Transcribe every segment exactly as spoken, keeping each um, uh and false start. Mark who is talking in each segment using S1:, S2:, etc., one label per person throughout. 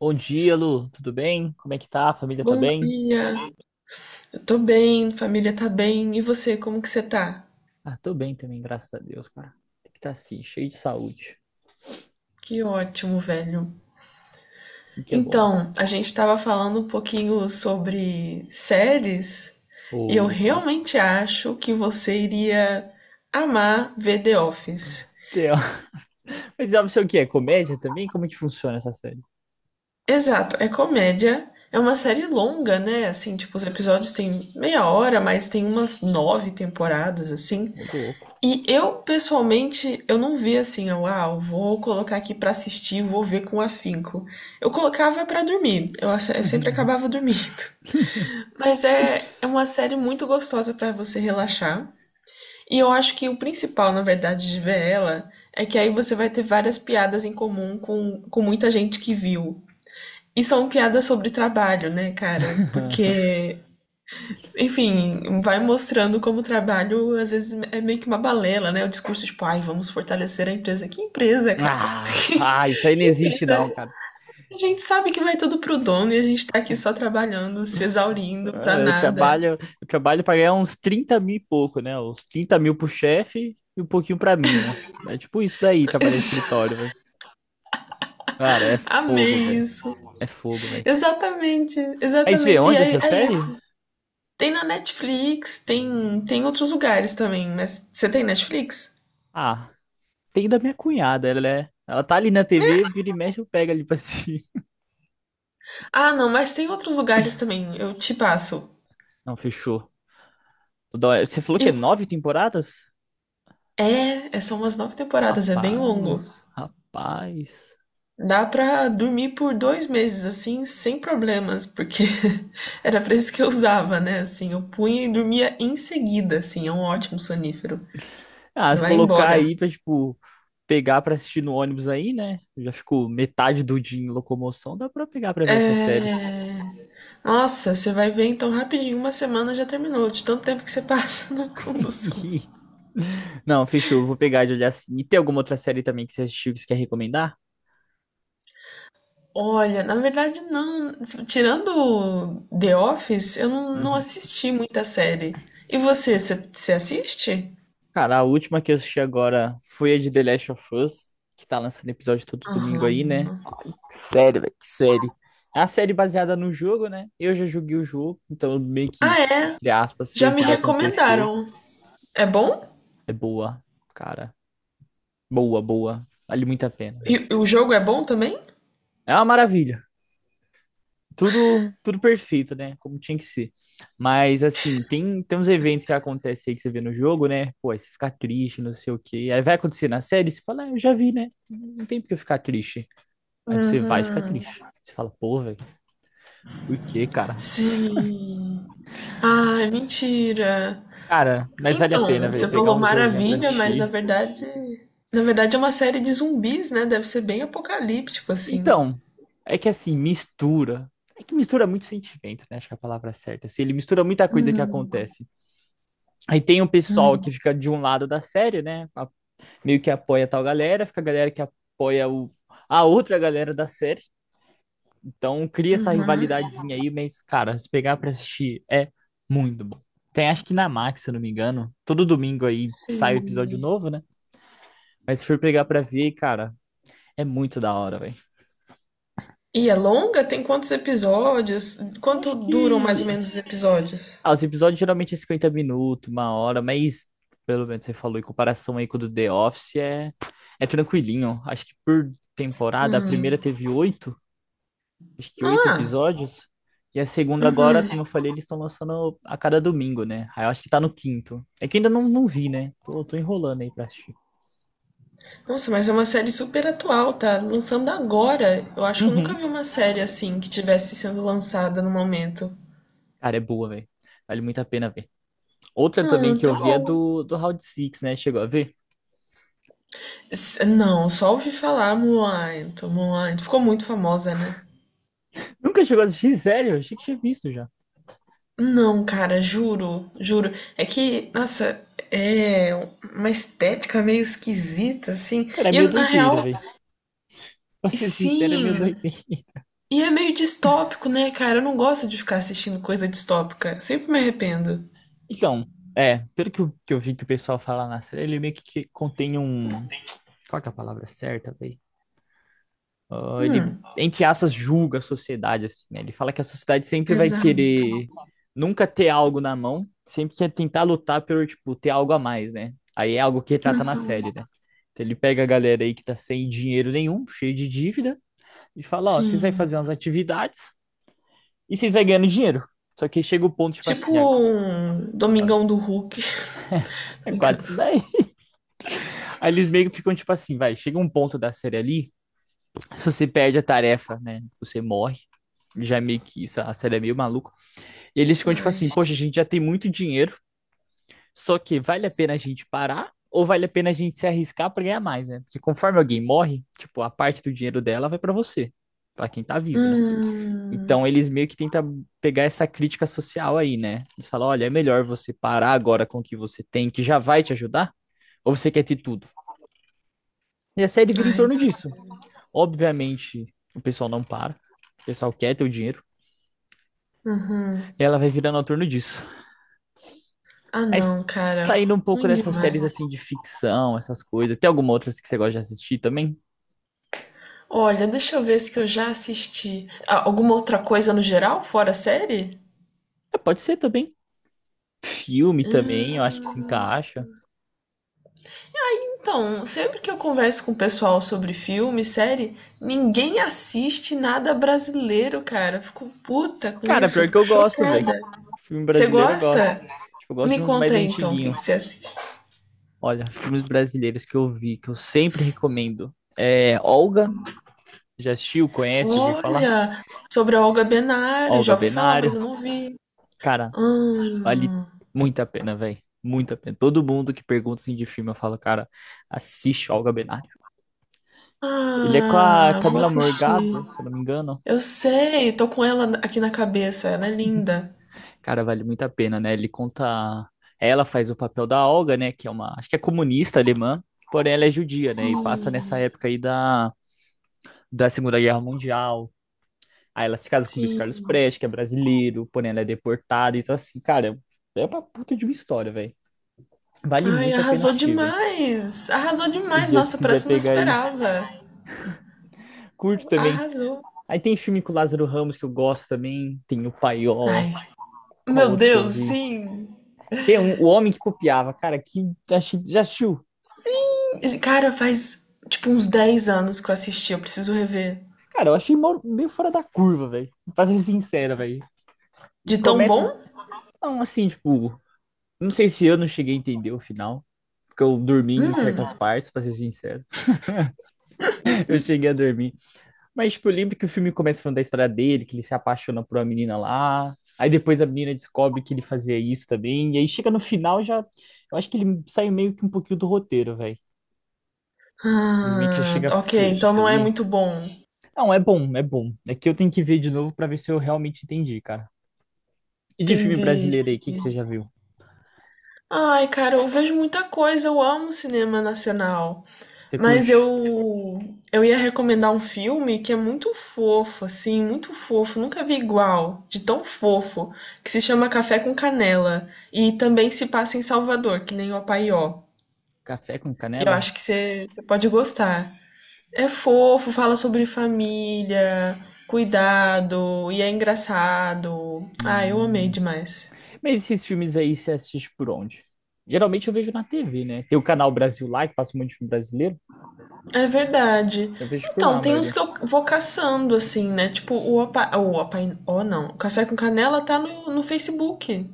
S1: Bom dia, Lu. Tudo bem? Como é que tá? A família tá
S2: Bom
S1: bem?
S2: dia, eu tô bem, família tá bem, e você, como que você tá?
S1: Ah, tô bem também, graças a Deus, cara. Tem que estar assim, cheio de saúde.
S2: Que ótimo, velho.
S1: Assim que é bom.
S2: Então, a gente tava falando um pouquinho sobre séries, e eu
S1: Opa.
S2: realmente acho que você iria amar ver The Office.
S1: Tem, ó. Mas sabe o que é? Comédia também? Como é que funciona essa série?
S2: Exato, é comédia, é uma série longa, né? Assim, tipo, os episódios têm meia hora, mas tem umas nove temporadas, assim.
S1: Ô, louco.
S2: E eu, pessoalmente, eu não via assim, eu, ah, eu vou colocar aqui pra assistir, vou ver com afinco. Eu colocava pra dormir, eu, ace- eu sempre acabava dormindo. Mas é, é uma série muito gostosa pra você relaxar. E eu acho que o principal, na verdade, de ver ela é que aí você vai ter várias piadas em comum com, com muita gente que viu. E são piadas sobre trabalho, né, cara? Porque enfim, vai mostrando como o trabalho às vezes é meio que uma balela, né? O discurso tipo, ai, vamos fortalecer a empresa. Que empresa, cara?
S1: Ah, ah, isso aí não
S2: Que
S1: existe
S2: empresa?
S1: não, cara.
S2: A gente sabe que vai tudo pro dono e a gente tá aqui só trabalhando, se exaurindo pra
S1: Ah, Eu
S2: nada.
S1: trabalho, eu trabalho pra ganhar uns trinta mil e pouco, né? Uns trinta mil pro chefe e um pouquinho pra mim, né? É tipo isso daí, trabalhar em escritório, velho. Cara, é fogo,
S2: Amei
S1: velho.
S2: isso.
S1: É fogo, velho.
S2: Exatamente,
S1: Mas vê,
S2: exatamente. E
S1: onde
S2: aí
S1: essa
S2: é
S1: série?
S2: isso. Tem na Netflix, tem, tem outros lugares também, mas você tem Netflix?
S1: Ah, tem da minha cunhada, ela é. Ela tá ali na T V, vira e mexe, eu pego ali pra assistir.
S2: Ah, não, mas tem outros lugares também, eu te passo.
S1: Não, fechou. Toda hora- Você falou que é
S2: E-
S1: nove temporadas?
S2: é, é são umas nove temporadas, é bem longo.
S1: Rapaz, rapaz.
S2: Dá pra dormir por dois meses, assim, sem problemas, porque era pra isso que eu usava, né, assim, eu punha e dormia em seguida, assim, é um ótimo sonífero.
S1: Ah,
S2: Você
S1: se
S2: vai
S1: colocar
S2: embora.
S1: aí pra, tipo, pegar pra assistir no ônibus aí, né? Eu Já ficou metade do dia em locomoção, dá pra pegar pra ver essas séries.
S2: É... Nossa, você vai ver então rapidinho, uma semana já terminou, de tanto tempo que você passa na condução.
S1: Não, fechou, eu vou pegar de olhar assim. E tem alguma outra série também que você assistiu que você quer recomendar?
S2: Olha, na verdade não, tirando The Office, eu não, não
S1: Uhum.
S2: assisti muita série. E você, você você assiste?
S1: Cara, a última que eu assisti agora foi a de The Last of Us, que tá lançando episódio todo domingo aí,
S2: Aham.
S1: né? Que série, velho, que série. É uma série baseada no jogo, né? Eu já joguei o jogo, então eu meio que,
S2: Ah, é?
S1: entre aspas, sei
S2: Já
S1: o
S2: me
S1: que vai acontecer.
S2: recomendaram. É bom?
S1: É boa, cara. Boa, boa. Vale muito a pena, velho.
S2: E o jogo é bom também?
S1: É uma maravilha. Tudo, tudo perfeito, né? Como tinha que ser. Mas, assim, tem, tem uns eventos que acontecem aí que você vê no jogo, né? Pô, aí você fica triste, não sei o quê. Aí vai acontecer na série, você fala, ah, eu já vi, né? Não tem por que eu ficar triste. Aí você vai ficar
S2: Uhum.
S1: triste. Você fala, pô, velho, por quê, cara?
S2: Sim. Ah, mentira.
S1: Cara, mas vale a pena,
S2: Então, você
S1: velho, pegar
S2: falou
S1: um diazinho pra
S2: maravilha, mas na
S1: assistir.
S2: verdade, na verdade é uma série de zumbis, né? Deve ser bem apocalíptico assim.
S1: Então, é que assim, mistura. É que mistura muito sentimento, né? Acho que é a palavra certa. Assim, ele mistura muita coisa que
S2: Hum,
S1: acontece. Aí tem o pessoal que
S2: hum,
S1: fica de um lado da série, né? A- Meio que apoia tal galera, fica a galera que apoia o... a outra galera da série. Então cria essa
S2: uhum.
S1: rivalidadezinha aí, mas, cara, se pegar pra assistir é muito bom. Tem, acho que na Max, se eu não me engano. Todo domingo aí sai
S2: Sim.
S1: o episódio novo, né? Mas se for pegar pra ver, cara. É muito da hora, velho.
S2: E é longa? Tem quantos episódios?
S1: Eu
S2: Quanto
S1: acho
S2: duram mais
S1: que.
S2: ou menos os episódios?
S1: Ah, os episódios geralmente é cinquenta minutos, uma hora, mas pelo menos você falou, em comparação aí com o do The Office, é, é tranquilinho. Acho que por temporada, a primeira
S2: Hum.
S1: teve oito, acho que oito
S2: Ah,
S1: episódios. E a segunda
S2: uhum.
S1: agora, como eu falei, eles estão lançando a cada domingo, né? Aí eu acho que tá no quinto. É que ainda não, não vi, né? Tô, tô enrolando aí pra assistir.
S2: Nossa, mas é uma série super atual, tá lançando agora. Eu acho que eu nunca
S1: Uhum.
S2: vi uma série assim que tivesse sendo lançada no momento.
S1: Cara, é boa, velho. Vale muito a pena ver. Outra também
S2: Ah,
S1: que eu
S2: tá
S1: vi é
S2: bom.
S1: do, do Round Six, né? Chegou a ver?
S2: S- Não, só ouvi falar Mulan, Mulan. Ficou muito famosa, né?
S1: Nunca chegou a assistir, sério? Achei que tinha visto já.
S2: Não, cara, juro, juro. É que, nossa, é uma estética meio esquisita, assim.
S1: Cara, é
S2: E
S1: meio
S2: eu, na
S1: doideira,
S2: real,
S1: velho. Pra ser sincero, é meio
S2: sim.
S1: doideira.
S2: E é meio distópico, né, cara? Eu não gosto de ficar assistindo coisa distópica. Sempre me arrependo.
S1: Então, é, pelo que eu, que eu vi que o pessoal fala na série, ele meio que, que contém um. Qual que é a palavra certa, velho? Ah, ele,
S2: Hum,
S1: entre aspas, julga a sociedade, assim, né? Ele fala que a sociedade sempre vai
S2: exato.
S1: querer nunca ter algo na mão, sempre quer tentar lutar pelo, tipo, ter algo a mais, né? Aí é algo que retrata na série, né? Então ele pega a galera aí que tá sem dinheiro nenhum, cheio de dívida, e fala, ó, vocês vão
S2: Sim.
S1: fazer umas atividades e vocês vão ganhando dinheiro. Só que chega o ponto, tipo assim,
S2: Tipo um
S1: olha,
S2: Domingão do Hulk. Tô
S1: é quase
S2: brincando.
S1: isso daí. Aí eles meio que ficam tipo assim, vai, chega um ponto da série ali, se você perde a tarefa, né, você morre. Já é meio que isso, a série é meio maluca. E eles ficam tipo
S2: Ai.
S1: assim, poxa, a gente já tem muito dinheiro, só que vale a pena a gente parar ou vale a pena a gente se arriscar pra ganhar mais, né? Porque conforme alguém morre, tipo, a parte do dinheiro dela vai pra você, pra quem tá vivo, né?
S2: Hum.
S1: Então eles meio que tentam pegar essa crítica social aí, né? Eles falam, olha, é melhor você parar agora com o que você tem, que já vai te ajudar, ou você quer ter tudo? E a série vira em
S2: Ai.
S1: torno disso. Obviamente, o pessoal não para. O pessoal quer ter o dinheiro.
S2: Uhum.
S1: E ela vai virando em torno disso.
S2: Ah, não,
S1: Mas
S2: cara.
S1: saindo um pouco
S2: Ruim
S1: dessas séries
S2: demais.
S1: assim de ficção, essas coisas. Tem alguma outra que você gosta de assistir também?
S2: Olha, deixa eu ver se que eu já assisti. Ah, alguma outra coisa no geral, fora série?
S1: É, pode ser também. Filme também, eu acho que se
S2: Hum,
S1: encaixa.
S2: Então, sempre que eu converso com o pessoal sobre filme, série, ninguém assiste nada brasileiro, cara. Eu fico puta com
S1: Cara,
S2: isso, eu
S1: pior que
S2: fico
S1: eu gosto, velho.
S2: chocada.
S1: Filme
S2: Você
S1: brasileiro eu gosto.
S2: gosta?
S1: Tipo, eu gosto
S2: Me
S1: de uns
S2: conta
S1: mais
S2: aí então, o que
S1: antiguinhos.
S2: que você assiste?
S1: Olha, filmes brasileiros que eu vi, que eu sempre recomendo. É Olga, já assistiu, conhece, já ouviu falar?
S2: Olha, sobre a Olga Benário,
S1: Olga
S2: já ouvi falar, mas
S1: Benário.
S2: eu não vi.
S1: Cara, vale
S2: Hum.
S1: muito a pena, velho. Muito a pena. Todo mundo que pergunta assim, de filme, eu falo, cara, assiste o Olga Benário. Ele é com a
S2: Ah, vou
S1: Camila
S2: assistir.
S1: Morgado, se eu não me engano.
S2: Eu sei, tô com ela aqui na cabeça, ela é linda.
S1: Cara, vale muito a pena, né? Ele conta. Ela faz o papel da Olga, né? Que é uma. Acho que é comunista alemã, porém ela é judia, né? E
S2: Sim,
S1: passa nessa época aí da, da Segunda Guerra Mundial. Aí ela se casa com o Luiz Carlos
S2: sim.
S1: Prestes, que é brasileiro, porém ela é deportada. Então, assim, cara, é uma puta de uma história, velho. Vale
S2: Ai,
S1: muito a pena
S2: arrasou
S1: assistir, velho.
S2: demais! Arrasou
S1: E
S2: demais!
S1: dia, se
S2: Nossa, por
S1: quiser
S2: essa eu não
S1: pegar aí,
S2: esperava.
S1: curte também.
S2: Arrasou.
S1: Aí tem filme com o Lázaro Ramos que eu gosto também. Tem o Paió.
S2: Ai,
S1: Qual
S2: meu
S1: outro que eu
S2: Deus,
S1: vi?
S2: sim.
S1: Tem um, O Homem que Copiava. Cara, que achei- já assistiu?
S2: Cara, faz tipo uns dez anos que eu assisti, eu preciso rever.
S1: Cara, eu achei mó- meio fora da curva, velho. Pra ser sincero, velho. E
S2: De tão
S1: começa.
S2: bom?
S1: Não, assim, tipo. Não sei se eu não cheguei a entender o final. Porque eu dormi em certas
S2: Hum.
S1: partes, pra ser sincero. Eu cheguei a dormir. Mas, tipo, eu lembro que o filme começa falando da história dele, que ele se apaixona por uma menina lá. Aí depois a menina descobre que ele fazia isso também. E aí chega no final, já. Eu acho que ele sai meio que um pouquinho do roteiro, velho. Eles meio que já
S2: Ah,
S1: chega a
S2: ok, então não é
S1: fugir.
S2: muito bom.
S1: Não, é bom, é bom. É que eu tenho que ver de novo pra ver se eu realmente entendi, cara. E de filme
S2: Entendi,
S1: brasileiro aí, o que que você
S2: entendi.
S1: já viu?
S2: Ai, cara, eu vejo muita coisa, eu amo cinema nacional,
S1: Você
S2: mas
S1: curte?
S2: eu eu ia recomendar um filme que é muito fofo, assim, muito fofo, nunca vi igual, de tão fofo, que se chama Café com Canela e também se passa em Salvador, que nem o Apaió.
S1: Café com
S2: E eu
S1: canela?
S2: acho que você você pode gostar. É fofo, fala sobre família, cuidado e é engraçado. Ah, eu amei
S1: Hum.
S2: demais.
S1: Mas esses filmes aí você assiste por onde? Geralmente eu vejo na T V, né? Tem o canal Brasil lá, que passa um monte de filme brasileiro.
S2: É verdade.
S1: Eu vejo por lá
S2: Então,
S1: a
S2: tem uns que
S1: maioria.
S2: eu vou caçando, assim, né? Tipo, o Opa... O Opa... Oh, não. O Café com Canela tá no, no Facebook,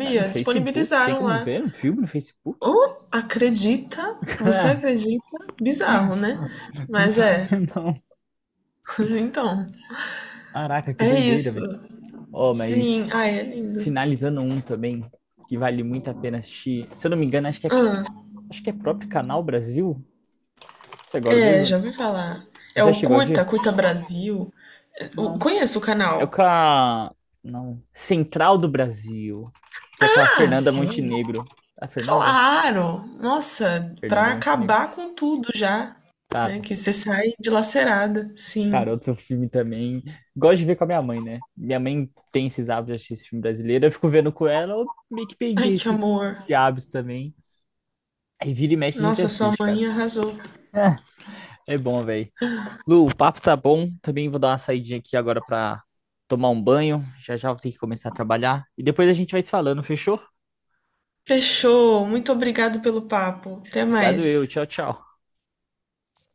S1: Mas no Facebook? Tem
S2: Disponibilizaram
S1: como
S2: lá.
S1: ver um filme no Facebook?
S2: Oh, acredita? Você acredita? Bizarro, né?
S1: Não
S2: Mas é.
S1: sabia, não.
S2: Então,
S1: Caraca, que
S2: é
S1: doideira,
S2: isso.
S1: velho. Ó, mas
S2: Sim. Ai, é lindo.
S1: finalizando um também, que vale muito a pena assistir. Se eu não me engano, acho que é,
S2: Ah,
S1: acho que é próprio Canal Brasil. Isso é agora
S2: é, já
S1: mesmo.
S2: ouvi falar.
S1: Você
S2: É
S1: já
S2: o
S1: chegou a
S2: Curta,
S1: ver?
S2: Curta Brasil. Eu
S1: Não.
S2: conheço o
S1: É o com
S2: canal.
S1: a... Não. Central do Brasil. Que é com a
S2: Ah,
S1: Fernanda
S2: sim.
S1: Montenegro. É a Fernanda?
S2: Claro! Nossa,
S1: Fernanda
S2: pra
S1: Montenegro.
S2: acabar com tudo já, né?
S1: Cara,
S2: Que você sai dilacerada, sim.
S1: cara, outro filme também. Gosto de ver com a minha mãe, né? Minha mãe tem esses hábitos de assistir esse filme brasileiro. Eu fico vendo com ela, eu meio que
S2: Ai,
S1: peguei
S2: que
S1: esse,
S2: amor.
S1: esse hábito também. Aí vira e mexe a gente
S2: Nossa, sua
S1: assiste,
S2: mãe
S1: cara.
S2: arrasou.
S1: É bom, velho. Lu, o papo tá bom. Também vou dar uma saidinha aqui agora pra tomar um banho. Já já vou ter que começar a trabalhar. E depois a gente vai se falando, fechou?
S2: Fechou. Muito obrigado pelo papo. Até
S1: Obrigado
S2: mais.
S1: eu. Tchau, tchau.